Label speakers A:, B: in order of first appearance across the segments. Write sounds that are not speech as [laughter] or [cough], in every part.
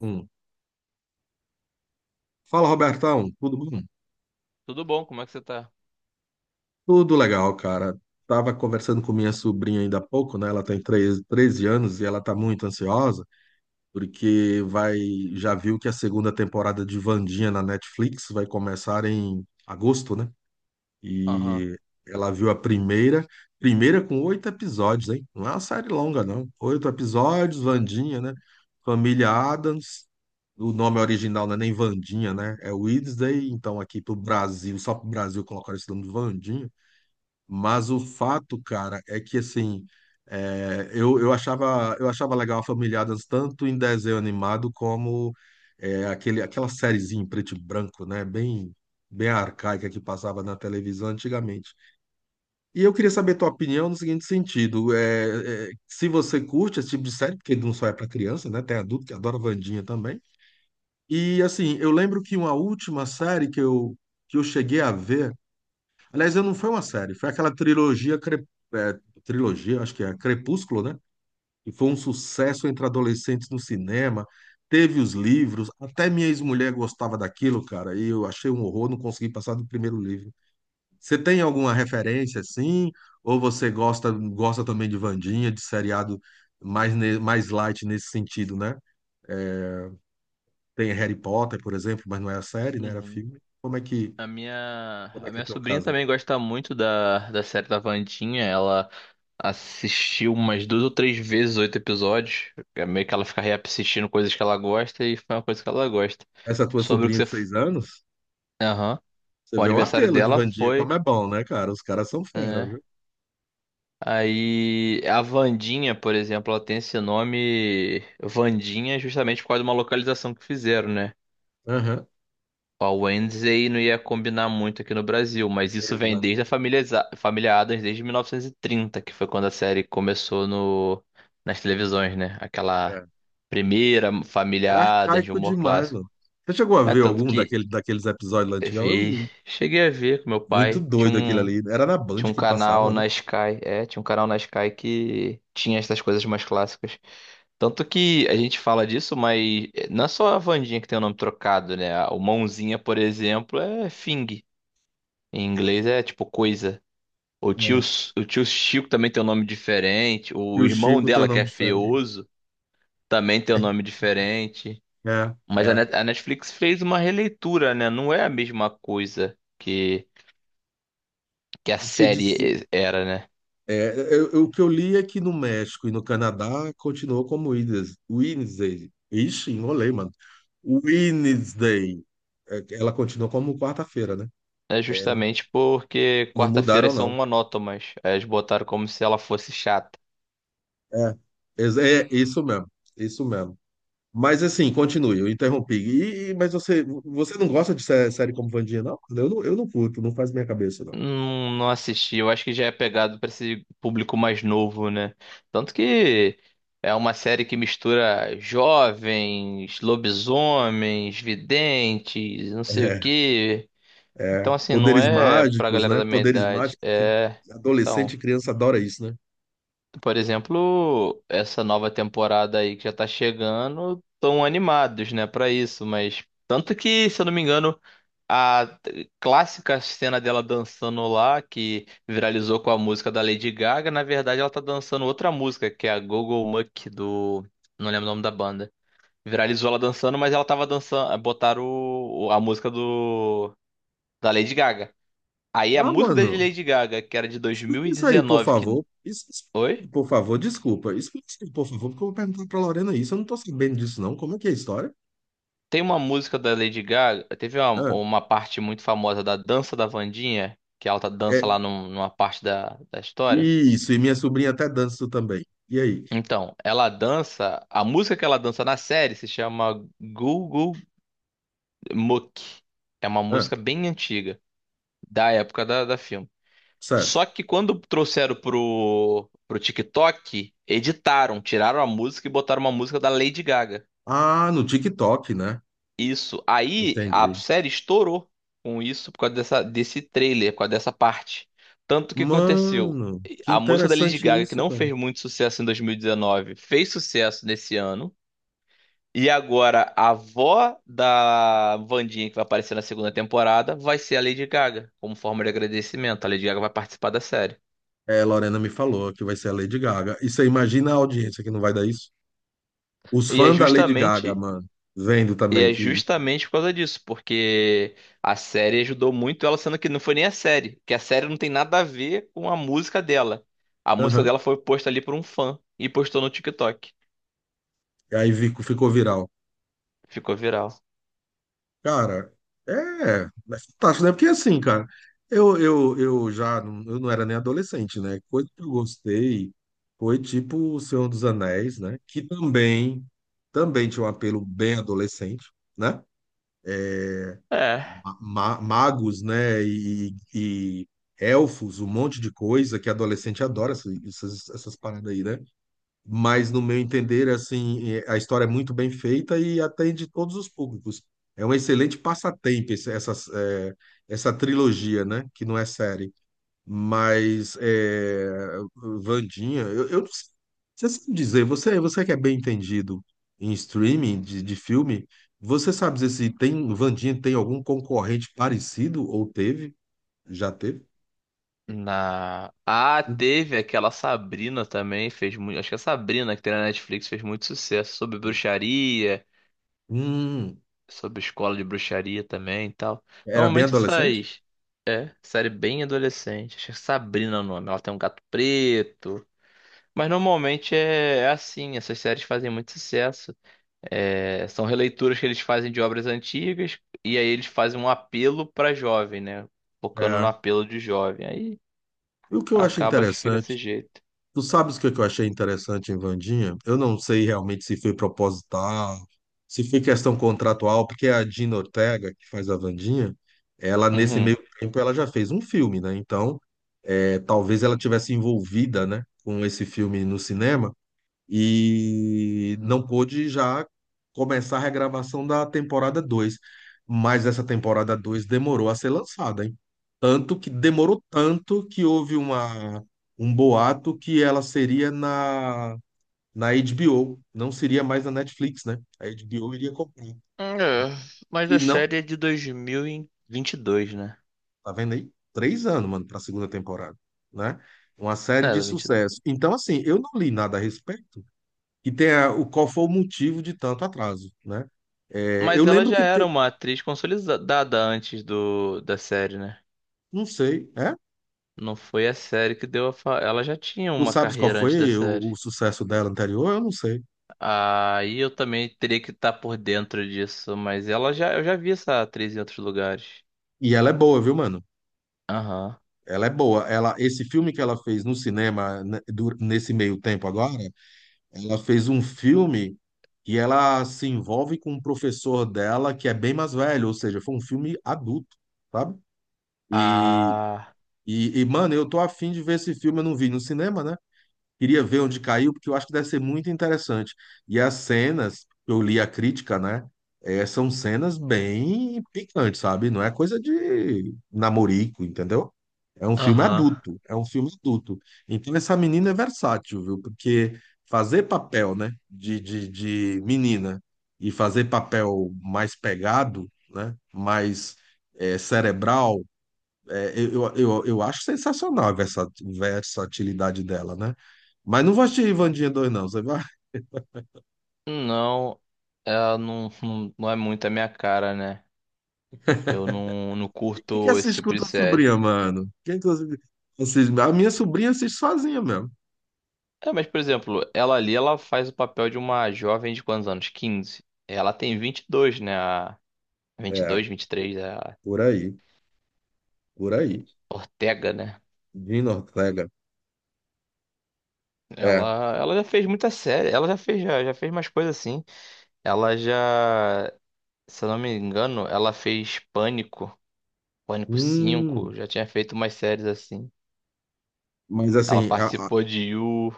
A: Um. Fala, Robertão, tudo bom?
B: Tudo bom? Como é que você tá?
A: Tudo legal, cara. Tava conversando com minha sobrinha ainda há pouco, né? Ela tem treze anos e ela tá muito ansiosa porque vai, já viu que a segunda temporada de Wandinha na Netflix vai começar em agosto, né?
B: Aham.
A: E ela viu a primeira com oito episódios, hein? Não é uma série longa, não. Oito episódios, Vandinha, né? Família Addams. O nome original não é nem Vandinha, né? É Wednesday, então aqui pro Brasil, só pro Brasil colocaram esse nome de Vandinha. Mas o fato, cara, é que assim, eu achava eu achava legal a Família Addams tanto em desenho animado como aquela sériezinha em preto e branco, né? Bem arcaica que passava na televisão antigamente. E eu queria saber tua opinião no seguinte sentido: se você curte esse tipo de série, porque não só é para criança, né? Tem adulto que adora Wandinha também. E assim, eu lembro que uma última série que eu cheguei a ver. Aliás, não foi uma série, foi aquela trilogia, é, trilogia, acho que é Crepúsculo, né? E foi um sucesso entre adolescentes no cinema. Teve os livros, até minha ex-mulher gostava daquilo, cara, e eu achei um horror, não consegui passar do primeiro livro. Você tem alguma referência assim? Ou você gosta também de Wandinha, de seriado mais light nesse sentido, né? Tem Harry Potter, por exemplo, mas não é a série, né? Era
B: Uhum.
A: filme.
B: A minha,
A: Como é
B: a
A: que é
B: minha
A: o teu
B: sobrinha
A: caso?
B: também gosta muito da série da Vandinha. Ela assistiu umas duas ou três vezes oito episódios. É meio que ela fica reassistindo coisas que ela gosta e foi uma coisa que ela gosta.
A: Essa tua
B: Sobre o que
A: sobrinha
B: você.
A: de seis anos?
B: Aham.
A: Você
B: O
A: vê o
B: aniversário
A: apelo de
B: dela
A: Van como
B: foi,
A: é bom, né, cara? Os caras são fera, viu?
B: né? Aí a Vandinha, por exemplo, ela tem esse nome Vandinha justamente por causa de uma localização que fizeram, né?
A: Aham.
B: A Wednesday não ia combinar muito aqui no Brasil, mas isso vem desde a
A: Exatamente.
B: família Addams, desde 1930, que foi quando a série começou no, nas televisões, né? Aquela
A: É.
B: primeira família
A: Era
B: Addams de
A: arcaico
B: humor
A: demais,
B: clássico.
A: mano. Você chegou a
B: É,
A: ver
B: tanto
A: algum
B: que
A: daqueles episódios lá
B: eu
A: antigão? Eu
B: vi,
A: vi.
B: cheguei a ver com meu
A: Muito
B: pai, tinha
A: doido aquele
B: um,
A: ali. Era na Band
B: tinha um
A: que
B: canal
A: passava, né?
B: na Sky, que tinha essas coisas mais clássicas. Tanto que a gente fala disso, mas não é só a Wandinha que tem o nome trocado, né? O Mãozinha, por exemplo, é Fing. Em inglês é tipo coisa. O tio,
A: É.
B: o tio Chico também tem um nome diferente.
A: E
B: O
A: o
B: irmão
A: Chico tem um
B: dela, que
A: nome
B: é
A: diferente.
B: Feoso, também tem um nome diferente.
A: É,
B: Mas a
A: é.
B: Net- a Netflix fez uma releitura, né? Não é a mesma coisa que a
A: Porque
B: série
A: disse,
B: era, né?
A: o que eu li é que no México e no Canadá continuou como Wednesday. Ixi, enrolei, mano. Wednesday. É, ela continuou como quarta-feira, né?
B: É
A: É, não,
B: justamente porque
A: não mudaram,
B: quarta-feiras são
A: não.
B: monótonas. Aí eles botaram como se ela fosse chata.
A: É, é isso mesmo, isso mesmo. Mas assim, continue, eu interrompi. Mas você não gosta de série como Vandinha, não? Eu não curto, não faz minha cabeça, não.
B: Não, não assisti, eu acho que já é pegado pra esse público mais novo, né? Tanto que é uma série que mistura jovens, lobisomens, videntes, não sei o
A: É,
B: quê.
A: é.
B: Então, assim, não
A: Poderes
B: é pra
A: mágicos,
B: galera
A: né?
B: da minha
A: Poderes
B: idade.
A: mágicos, que
B: É.
A: adolescente
B: Então,
A: e criança adora isso, né?
B: por exemplo, essa nova temporada aí que já tá chegando, tão animados, né, pra isso, mas. Tanto que, se eu não me engano. A clássica cena dela dançando lá, que viralizou com a música da Lady Gaga, na verdade ela tá dançando outra música, que é a Go-Go Muck do. Não lembro o nome da banda. Viralizou ela dançando, mas ela tava dançando. Botaram a música do. Da Lady Gaga. Aí a
A: Ah,
B: música da
A: mano,
B: Lady Gaga, que era de
A: explica isso aí, por
B: 2019, que.
A: favor. Isso, explica
B: Oi?
A: por favor, desculpa. Explica isso aí, por favor, porque eu vou perguntar pra Lorena isso. Eu não tô sabendo disso, não. Como é que é a história?
B: Tem uma música da Lady Gaga. Teve uma,
A: Ah,
B: uma parte muito famosa da dança da Wandinha, que ela tá dança
A: é,
B: lá numa parte da história.
A: isso, e minha sobrinha até dança também. E aí?
B: Então, ela dança. A música que ela dança na série se chama Google Mook. É uma
A: Ah,
B: música bem antiga, da época da filme.
A: certo.
B: Só que quando trouxeram pro TikTok, editaram, tiraram a música e botaram uma música da Lady Gaga.
A: Ah, no TikTok, né?
B: Isso. Aí a
A: Entendi.
B: série estourou com isso por causa dessa, desse trailer, por causa dessa parte. Tanto que aconteceu.
A: Mano, que
B: A música da Lady
A: interessante
B: Gaga, que
A: isso,
B: não
A: cara.
B: fez muito sucesso em 2019, fez sucesso nesse ano. E agora, a avó da Wandinha, que vai aparecer na segunda temporada, vai ser a Lady Gaga, como forma de agradecimento. A Lady Gaga vai participar da série.
A: É, Lorena me falou que vai ser a Lady Gaga. E você imagina a audiência que não vai dar isso? Os
B: E é
A: fãs da Lady Gaga,
B: justamente,
A: mano, vendo
B: e
A: também
B: é
A: que.
B: justamente por causa disso, porque a série ajudou muito ela, sendo que não foi nem a série, que a série não tem nada a ver com a música dela. A música
A: Aham.
B: dela foi posta ali por um fã e postou no TikTok.
A: E aí ficou viral.
B: Ficou viral.
A: Cara, é, é fantástico, né? Porque assim, cara, eu já não, eu não era nem adolescente, né? Coisa que eu gostei foi tipo O Senhor dos Anéis, né? Também tinha um apelo bem adolescente. Né?
B: É.
A: Magos, né? e elfos, um monte de coisa que adolescente adora essas paradas aí, né? Mas no meu entender, assim, é, a história é muito bem feita e atende todos os públicos. É um excelente passatempo essa trilogia, né? Que não é série. Mas é, Vandinha, eu não sei. Você sabe dizer, você que é bem entendido em streaming de filme, você sabe dizer se tem Vandinha tem algum concorrente parecido ou teve? Já teve?
B: Ah, teve aquela Sabrina também, fez muito. Acho que a Sabrina que tem na Netflix fez muito sucesso sobre bruxaria,
A: Hum,
B: sobre escola de bruxaria também e tal.
A: era bem
B: Normalmente
A: adolescente?
B: essas. É, série bem adolescente. Acho que é Sabrina o nome. Ela tem um gato preto. Mas normalmente é assim, essas séries fazem muito sucesso. É, são releituras que eles fazem de obras antigas e aí eles fazem um apelo pra jovem, né? Focando no
A: É.
B: apelo de jovem. Aí
A: E o que eu acho
B: acaba que fica desse
A: interessante
B: jeito.
A: Tu sabes o que que eu achei interessante em Vandinha? Eu não sei realmente se foi proposital, se foi questão contratual, porque a Dina Ortega, que faz a Vandinha, ela nesse
B: Uhum.
A: meio tempo ela já fez um filme, né? Então, é, talvez ela tivesse envolvida, né, com esse filme no cinema e não pôde já começar a regravação da temporada 2, mas essa temporada 2 demorou a ser lançada, hein? Tanto que demorou tanto que um boato que ela seria na HBO, não seria mais na Netflix, né? A HBO iria comprar.
B: É, mas
A: E
B: a
A: não,
B: série é de dois mil e vinte e dois, né?
A: tá vendo aí? Três anos, mano, para a segunda temporada, né? Uma
B: É,
A: série de
B: ela é 20...
A: sucesso. Então, assim, eu não li nada a respeito, e tem o qual foi o motivo de tanto atraso, né? É, eu
B: Mas ela
A: lembro
B: já
A: que
B: era uma atriz consolidada antes do, da série, né?
A: não sei, é?
B: Não foi a série que deu a fa... Ela já tinha
A: Tu
B: uma
A: sabes qual
B: carreira antes da
A: foi
B: série.
A: o sucesso dela anterior? Eu não sei.
B: Aí eu também teria que estar por dentro disso, mas ela já eu já vi essa atriz em outros lugares.
A: E ela é boa, viu, mano?
B: Aham.
A: Ela é boa. Ela, esse filme que ela fez no cinema né, nesse meio tempo agora, ela fez um filme que ela se envolve com um professor dela que é bem mais velho, ou seja, foi um filme adulto, sabe? E,
B: Ah.
A: mano, eu tô afim de ver esse filme, eu não vi no cinema, né? Queria ver onde caiu, porque eu acho que deve ser muito interessante. E as cenas, eu li a crítica, né? eh, são cenas bem picantes, sabe? Não é coisa de namorico, entendeu? É um filme
B: Aham.
A: adulto, é um filme adulto. Então essa menina é versátil, viu? Porque fazer papel, né, de menina e fazer papel mais pegado, né, mais eh, cerebral, eu acho sensacional a versatilidade dela, né? Mas não vou assistir Ivandinha 2, não. Você vai...
B: Não, ela não, não, não é muito a minha cara, né? Eu não, não
A: [laughs] Quem que
B: curto esse
A: assiste com
B: tipo de
A: tua
B: série.
A: sobrinha, mano? Quem que assiste? A minha sobrinha assiste sozinha mesmo.
B: É, mas, por exemplo, ela ali, ela faz o papel de uma jovem de quantos anos? 15. Ela tem 22, né? A
A: É,
B: 22, 23, a
A: por aí, por aí.
B: Ortega, né?
A: Dina Ortega. É.
B: Ela já fez muita série. Ela já fez, já fez mais coisas assim. Ela já, se eu não me engano, ela fez Pânico, Pânico
A: Hum,
B: 5. Já tinha feito umas séries assim.
A: mas
B: Ela
A: assim,
B: participou de You,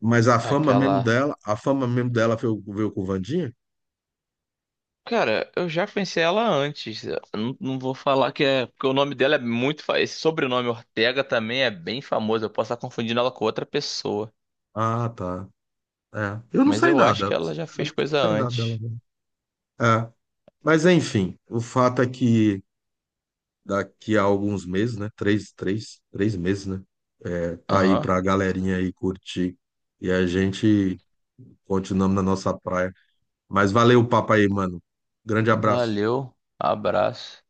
A: mas a fama mesmo
B: aquela
A: dela, a fama mesmo dela veio, veio com o Vandinha?
B: cara, eu já conheci ela antes. Eu não, não vou falar que é. Porque o nome dela é muito. Esse sobrenome Ortega também é bem famoso. Eu posso estar confundindo ela com outra pessoa.
A: Ah, tá. É. Eu não
B: Mas
A: sei
B: eu acho
A: nada.
B: que ela já fez
A: Sinceramente, eu não
B: coisa
A: sei nada dela.
B: antes.
A: Não. É. Mas enfim, o fato é que daqui a alguns meses, né? Três meses, né? É, tá aí
B: Aham.
A: pra galerinha aí curtir. E a gente continuamos na nossa praia. Mas valeu o papo aí, mano. Grande abraço.
B: Valeu. Abraço.